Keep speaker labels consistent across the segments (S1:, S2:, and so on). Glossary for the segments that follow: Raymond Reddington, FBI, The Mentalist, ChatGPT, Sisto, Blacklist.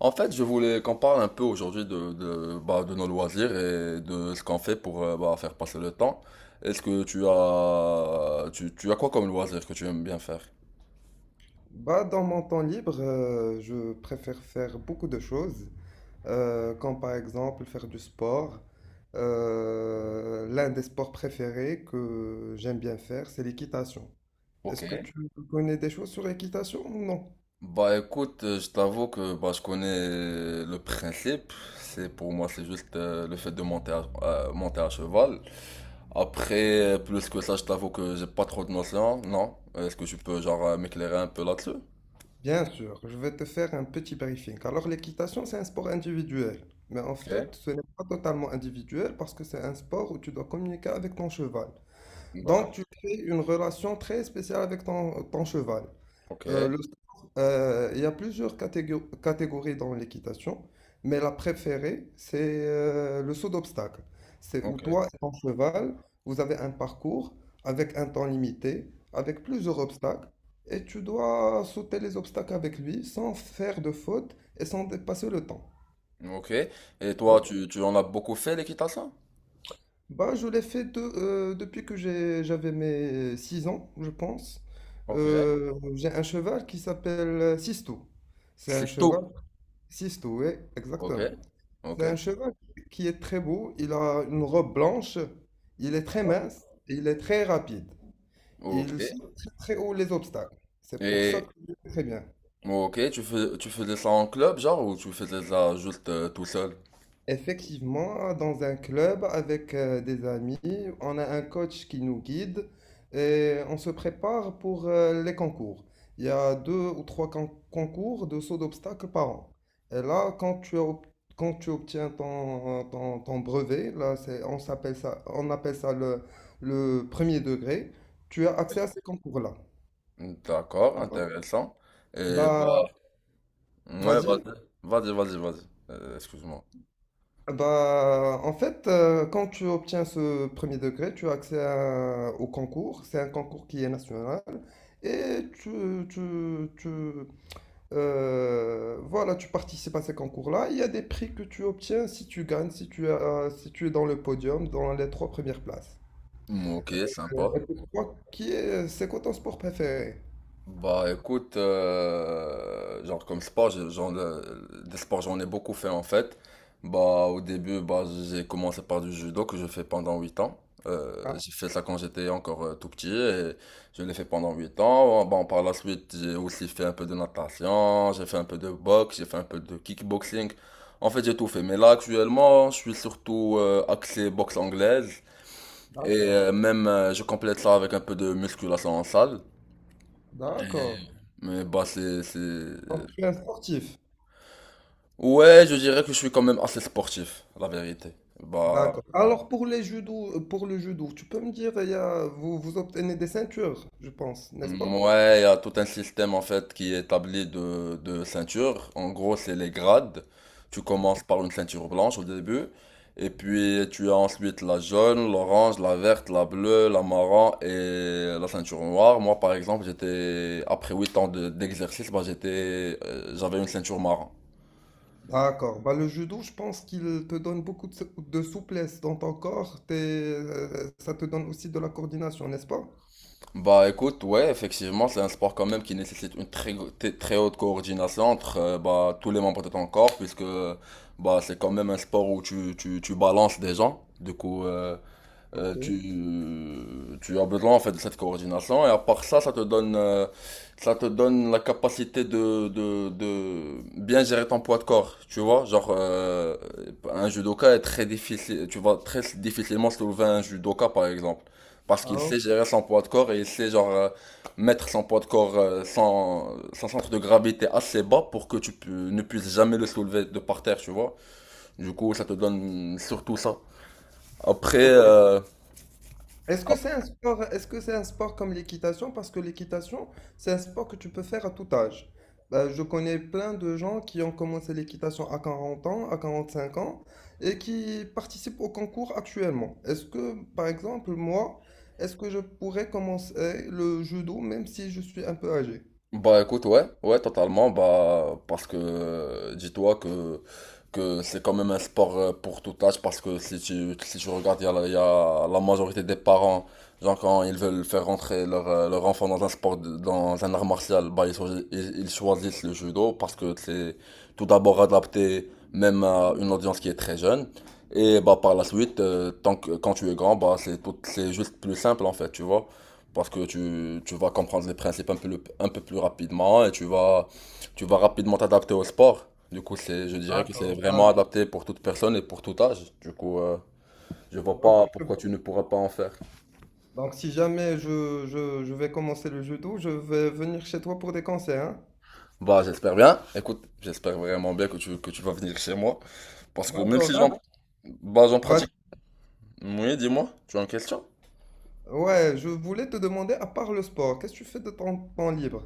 S1: En fait, je voulais qu'on parle un peu aujourd'hui de nos loisirs et de ce qu'on fait pour faire passer le temps. Est-ce que tu as quoi comme loisir que tu aimes bien faire?
S2: Bah, dans mon temps libre, je préfère faire beaucoup de choses, comme par exemple faire du sport. L'un des sports préférés que j'aime bien faire, c'est l'équitation.
S1: Ok.
S2: Est-ce que tu connais des choses sur l'équitation ou non?
S1: Bah écoute, je t'avoue que je connais le principe. C'est pour moi, c'est juste le fait de monter à cheval. Après, plus que ça, je t'avoue que j'ai pas trop de notions. Non. Est-ce que tu peux m'éclairer un peu là-dessus?
S2: Bien sûr, je vais te faire un petit briefing. Alors, l'équitation, c'est un sport individuel. Mais en
S1: Ok.
S2: fait, ce n'est pas totalement individuel parce que c'est un sport où tu dois communiquer avec ton cheval. Donc, tu
S1: D'accord.
S2: crées une relation très spéciale avec ton cheval.
S1: Ok,
S2: Le sport, il y a plusieurs catégories dans l'équitation, mais la préférée, c'est le saut d'obstacle. C'est où
S1: ok.
S2: toi et ton cheval, vous avez un parcours avec un temps limité, avec plusieurs obstacles, et tu dois sauter les obstacles avec lui sans faire de faute et sans dépasser le temps.
S1: Ok. Et toi,
S2: D'accord.
S1: tu en as beaucoup fait l'équitation?
S2: Bah, je l'ai fait depuis que j'avais mes 6 ans, je pense.
S1: Ok.
S2: J'ai un cheval qui s'appelle Sisto. C'est un
S1: C'est
S2: cheval
S1: tout.
S2: Sisto, oui,
S1: Ok.
S2: exactement.
S1: Ok.
S2: C'est un cheval qui est très beau, il a une robe blanche, il est très
S1: D'accord.
S2: mince et il est très rapide.
S1: Ok.
S2: Il saute très très haut les obstacles. C'est pour ça
S1: Et
S2: que je le fais très bien.
S1: ok, tu faisais ça en club, genre, ou tu faisais ça juste tout seul?
S2: Effectivement, dans un club avec des amis, on a un coach qui nous guide et on se prépare pour les concours. Il y a deux ou trois concours de saut d'obstacles par an. Et là, quand tu obtiens ton brevet, là, c'est, on s'appelle ça, on appelle ça le premier degré, tu as
S1: Ok.
S2: accès à ces concours-là.
S1: D'accord, intéressant. Et bah,
S2: Bah,
S1: ouais,
S2: vas-y.
S1: vas-y. Excuse-moi.
S2: Ah, bah, en fait, quand tu obtiens ce premier degré, tu as accès au concours. C'est un concours qui est national. Et voilà, tu participes à ces concours-là. Il y a des prix que tu obtiens si tu gagnes, si tu as, si tu es dans le podium, dans les trois premières places.
S1: Mm, ok, sympa.
S2: Et pour toi, c'est quoi ton sport préféré?
S1: Bah écoute, genre comme sport, j'ai- genre le- des sports j'en ai beaucoup fait en fait. Bah au début, bah j'ai commencé par du judo que je fais pendant 8 ans.
S2: Ah,
S1: J'ai fait ça quand j'étais encore tout petit et je l'ai fait pendant 8 ans. Bon, par la suite, j'ai aussi fait un peu de natation, j'ai fait un peu de boxe, j'ai fait un peu de kickboxing. En fait, j'ai tout fait. Mais là actuellement, je suis surtout axé boxe anglaise et
S2: d'accord.
S1: même je complète ça avec un peu de musculation en salle.
S2: D'accord.
S1: Mais bah c'est...
S2: Donc, tu es un sportif.
S1: Ouais, je dirais que je suis quand même assez sportif, la vérité. Bah,
S2: D'accord. Alors pour le judo, tu peux me dire, vous, vous obtenez des ceintures, je pense, n'est-ce pas?
S1: mm, ouais, il y a tout un système en fait qui est établi de ceintures. En gros, c'est les grades. Tu commences par une ceinture blanche au début, et puis tu as ensuite la jaune, l'orange, la verte, la bleue, la marron et la ceinture noire. Moi, par exemple, après 8 ans d'exercice, bah, j'avais une ceinture marron.
S2: D'accord. Bah, le judo, je pense qu'il te donne beaucoup de, de souplesse dans ton corps. Ça te donne aussi de la coordination, n'est-ce pas?
S1: Bah écoute, ouais, effectivement, c'est un sport quand même qui nécessite une très haute coordination entre tous les membres de ton corps, puisque bah, c'est quand même un sport où tu balances des gens. Euh, tu,
S2: Ok.
S1: tu as besoin en fait de cette coordination et à part ça, ça te donne la capacité de, de bien gérer ton poids de corps. Tu vois, un judoka est très difficile, tu vas très difficilement soulever un judoka par exemple, parce qu'il
S2: Ah,
S1: sait gérer son poids de corps et il sait mettre son poids de corps, son centre de gravité assez bas pour que ne puisses jamais le soulever de par terre, tu vois. Du coup, ça te donne surtout ça. Après,
S2: ok. Est-ce que c'est un sport, est-ce que c'est un sport comme l'équitation? Parce que l'équitation, c'est un sport que tu peux faire à tout âge. Bah, je connais plein de gens qui ont commencé l'équitation à 40 ans, à 45 ans, et qui participent au concours actuellement. Est-ce que, par exemple, moi, est-ce que je pourrais commencer le judo même si je suis un peu âgé?
S1: bah écoute, ouais, ouais, totalement, bah parce que dis-toi que c'est quand même un sport pour tout âge, parce que si tu, si tu regardes, il y a la majorité des parents, genre quand ils veulent faire rentrer leur enfant dans un sport, dans un art martial, bah ils choisissent le judo, parce que c'est tout d'abord adapté même à une audience qui est très jeune, et bah par la suite, quand tu es grand, c'est juste plus simple en fait, tu vois. Parce que tu vas comprendre les principes un peu, un peu plus rapidement et tu vas rapidement t'adapter au sport. Du coup, je dirais que c'est
S2: D'accord,
S1: vraiment
S2: voilà.
S1: adapté pour toute personne et pour tout âge. Du coup, je vois
S2: Ok,
S1: pas
S2: je vois.
S1: pourquoi tu ne pourrais pas en faire.
S2: Donc, si jamais je vais commencer le judo, je vais venir chez toi pour des conseils, hein?
S1: Bah, j'espère bien. Écoute, j'espère vraiment bien que que tu vas venir chez moi. Parce que même si
S2: D'accord,
S1: j'en,
S2: hein.
S1: bah, j'en pratique.
S2: Vas-y.
S1: Oui, dis-moi, tu as une question?
S2: Ouais, je voulais te demander, à part le sport, qu'est-ce que tu fais de ton temps libre?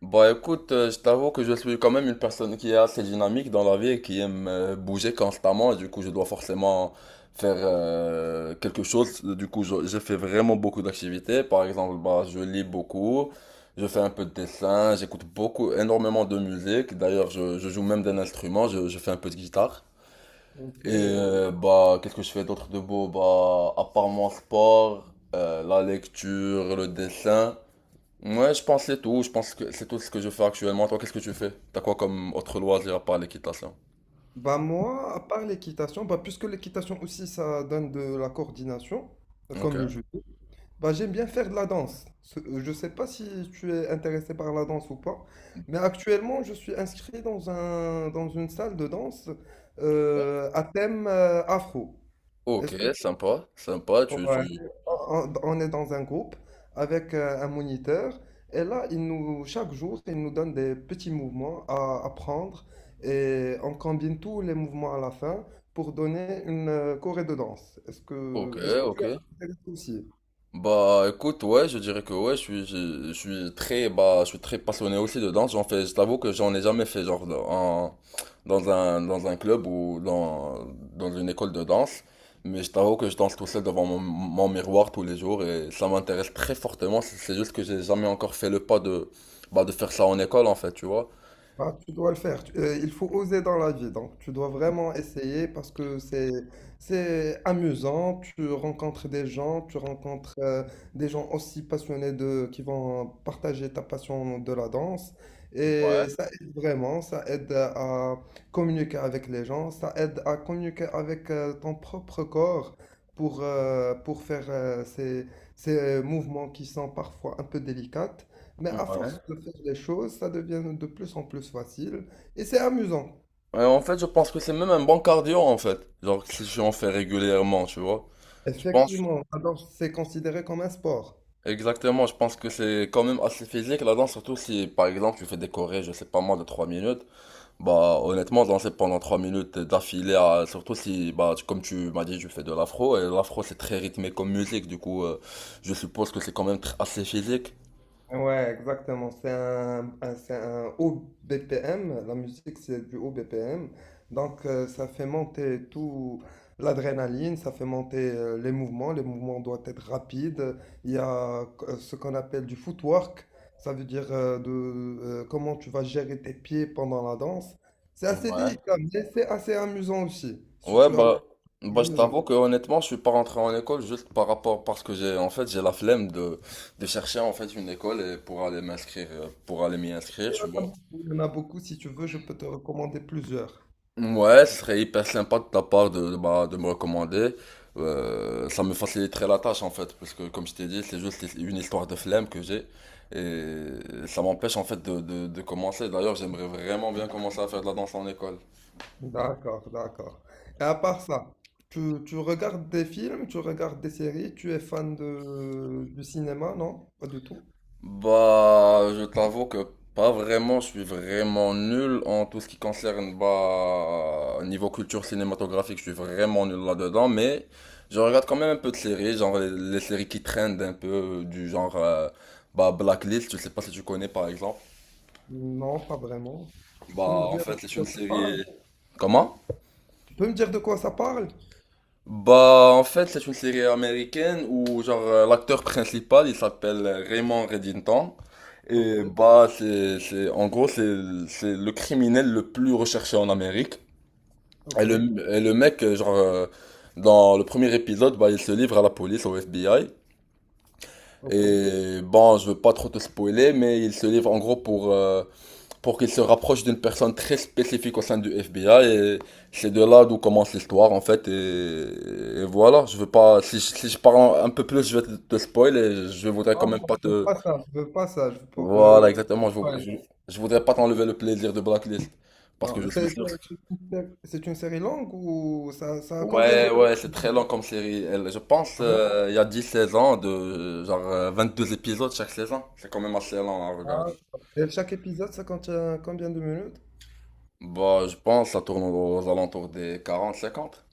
S1: Bah écoute, je t'avoue que je suis quand même une personne qui est assez dynamique dans la vie et qui aime bouger constamment. Et du coup, je dois forcément faire quelque chose. Du coup, je fais vraiment beaucoup d'activités. Par exemple, bah, je lis beaucoup, je fais un peu de dessin, j'écoute beaucoup, énormément de musique. D'ailleurs, je joue même d'un instrument, je fais un peu de guitare.
S2: Ok.
S1: Et bah, qu'est-ce que je fais d'autre de beau? Bah, à part mon sport, la lecture, le dessin. Ouais, je pense c'est tout. Je pense que c'est tout ce que je fais actuellement. Toi, qu'est-ce que tu fais? T'as quoi comme autre loisir à part l'équitation?
S2: Bah moi, à part l'équitation, bah puisque l'équitation aussi ça donne de la coordination,
S1: Ok.
S2: comme le judo, bah j'aime bien faire de la danse. Je sais pas si tu es intéressé par la danse ou pas, mais actuellement je suis inscrit dans un dans une salle de danse à thème afro.
S1: Ok,
S2: Est-ce que
S1: sympa, sympa. Tu...
S2: Ouais. On est dans un groupe avec un moniteur et là, il nous, chaque jour, il nous donne des petits mouvements à apprendre et on combine tous les mouvements à la fin pour donner une choré de danse.
S1: Ok,
S2: Est-ce que
S1: ok.
S2: tu as aussi?
S1: Bah écoute ouais je dirais que ouais je suis très je suis très passionné aussi de danse j'en fais je t'avoue que j'en ai jamais fait dans un club ou dans dans une école de danse mais je t'avoue que je danse tout seul devant mon miroir tous les jours et ça m'intéresse très fortement c'est juste que j'ai jamais encore fait le pas de bah de faire ça en école en fait tu vois
S2: Bah, tu dois le faire. Il faut oser dans la vie. Donc, tu dois vraiment essayer parce que c'est amusant. Tu rencontres des gens, tu rencontres des gens aussi passionnés de qui vont partager ta passion de la danse. Et
S1: ouais
S2: ça aide vraiment. Ça aide à à communiquer avec les gens. Ça aide à communiquer avec ton propre corps pour faire ces mouvements qui sont parfois un peu délicats. Mais à
S1: ouais.
S2: force de faire les choses, ça devient de plus en plus facile et c'est amusant.
S1: Ouais, en fait je pense que c'est même un bon cardio en fait genre si j'en fais régulièrement tu vois je pense.
S2: Effectivement, alors c'est considéré comme un sport.
S1: Exactement, je pense que c'est quand même assez physique la danse, surtout si par exemple tu fais des chorés, je sais pas moi, de 3 minutes. Bah honnêtement, danser pendant 3 minutes d'affilée, surtout si, comme tu m'as dit, je fais de l'afro, et l'afro c'est très rythmé comme musique, du coup je suppose que c'est quand même assez physique.
S2: Ouais, exactement. C'est un haut BPM. La musique, c'est du haut BPM. Donc, ça fait monter tout l'adrénaline, ça fait monter les mouvements. Les mouvements doivent être rapides. Il y a ce qu'on appelle du footwork. Ça veut dire comment tu vas gérer tes pieds pendant la danse. C'est assez
S1: Ouais.
S2: délicat, mais c'est assez amusant aussi. Si
S1: Ouais,
S2: tu apprends,
S1: bah,
S2: c'est
S1: bah je
S2: amusant.
S1: t'avoue que honnêtement, je suis pas rentré en école juste par rapport, parce que j'ai en fait j'ai la flemme de chercher en fait une école et pour aller m'y inscrire,
S2: Il y en
S1: tu
S2: a
S1: vois.
S2: beaucoup, il y en a beaucoup. Si tu veux, je peux te recommander plusieurs.
S1: Ouais, ce serait hyper sympa de ta part de me recommander. Ça me faciliterait la tâche en fait, parce que comme je t'ai dit, c'est juste une histoire de flemme que j'ai. Et ça m'empêche en fait de commencer. D'ailleurs, j'aimerais vraiment bien commencer à faire de la danse en école.
S2: D'accord, d'accord. Et à part ça, tu regardes des films, tu regardes des séries, tu es fan de, du cinéma, non? Pas du tout?
S1: Bah, je t'avoue que pas vraiment, je suis vraiment nul en tout ce qui concerne, bah, niveau culture cinématographique, je suis vraiment nul là-dedans, mais je regarde quand même un peu de séries, genre les séries qui traînent un peu, euh, du genre, euh, bah, Blacklist, je sais pas si tu connais par exemple.
S2: Non, pas vraiment. Tu peux me
S1: Bah, en
S2: dire de
S1: fait, c'est une
S2: quoi ça
S1: série.
S2: parle?
S1: Comment?
S2: Tu peux me dire de quoi ça parle?
S1: Bah, en fait, c'est une série américaine où, l'acteur principal, il s'appelle Raymond Reddington.
S2: Ok,
S1: Et bah, en gros, c'est le criminel le plus recherché en Amérique. Et
S2: ok,
S1: le, et le mec, dans le premier épisode, bah, il se livre à la police, au FBI.
S2: ok.
S1: Et bon, je veux pas trop te spoiler, mais il se livre en gros pour qu'il se rapproche d'une personne très spécifique au sein du FBI et c'est de là d'où commence l'histoire en fait et voilà je veux pas si je parle un peu plus je vais te spoil et je voudrais quand
S2: Ah non,
S1: même pas
S2: je veux
S1: te
S2: pas ça, je veux pas ça, je veux
S1: voilà exactement
S2: pas. Ouais.
S1: je voudrais pas t'enlever le plaisir de Blacklist parce que
S2: Non,
S1: je suis
S2: c'est c'est-
S1: sûr
S2: c'est une sé- c'est une série longue ou ça a combien de...
S1: ouais c'est très long comme série je pense
S2: Ah bon?
S1: il y a dix 16 ans de deux épisodes chaque saison c'est quand même assez long à regarder.
S2: Ah, Et chaque épisode, ça contient combien de minutes?
S1: Bah je pense que ça tourne aux alentours des 40 50.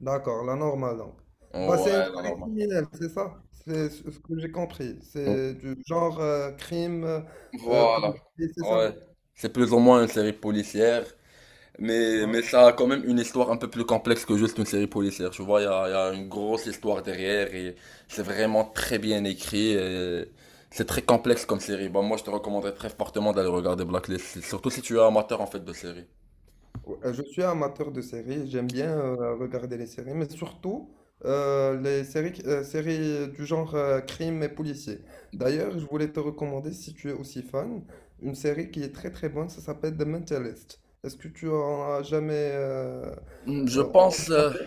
S2: D'accord, la normale donc. Bah, c'est une
S1: Ouais non,
S2: série
S1: normal.
S2: criminelle, c'est ça? C'est ce que j'ai compris. C'est du genre crime
S1: Voilà.
S2: policier, c'est ça?
S1: Ouais. C'est plus ou moins une série policière, mais
S2: Voilà.
S1: ça a quand même une histoire un peu plus complexe que juste une série policière. Tu vois, il y a une grosse histoire derrière et c'est vraiment très bien écrit. Et c'est très complexe comme série. Bah, moi, je te recommanderais très fortement d'aller regarder Blacklist, surtout si tu es amateur en fait de série.
S2: Ouais, je suis amateur de séries, j'aime bien regarder les séries, mais surtout les séries, séries du genre crime et policier. D'ailleurs, je voulais te recommander, si tu es aussi fan, une série qui est très très bonne, ça s'appelle The Mentalist. Est-ce que tu en as jamais
S1: Hmm, Je
S2: entendu
S1: pense, euh,
S2: parler?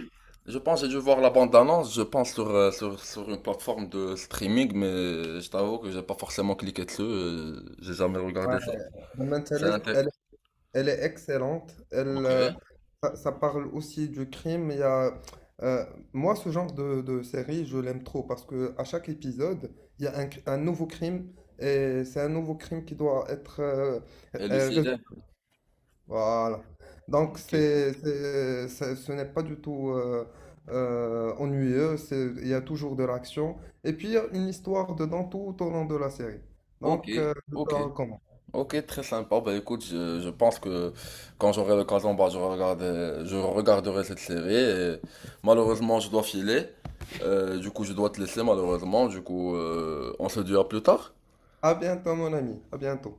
S1: je pense, j'ai dû voir la bande-annonce, je pense sur une plateforme de streaming, mais je t'avoue que j'ai pas forcément cliqué dessus, j'ai jamais regardé
S2: Ouais,
S1: ça.
S2: The
S1: C'est
S2: Mentalist.
S1: inté-
S2: Elle est excellente. Elle,
S1: Ok.
S2: ça, ça parle aussi du crime. Il y a, euh, moi, ce genre de série, je l'aime trop parce que à chaque épisode, il y a un nouveau crime et c'est un nouveau crime qui doit être
S1: Et le
S2: résolu.
S1: célèbre,
S2: Voilà. Donc,
S1: ok.
S2: c'est- ce n'est pas du tout ennuyeux. Il y a toujours de l'action. Et puis, il y a une histoire dedans tout au long de la série.
S1: Ok,
S2: Donc, je te
S1: ok,
S2: la recommande.
S1: ok, très sympa. Bah écoute, je pense que quand j'aurai l'occasion, bah, je regarderai cette série. Et malheureusement, je dois filer. Du coup, je dois te laisser, malheureusement. Du coup, on se dit à plus tard.
S2: À bientôt, mon ami. À bientôt.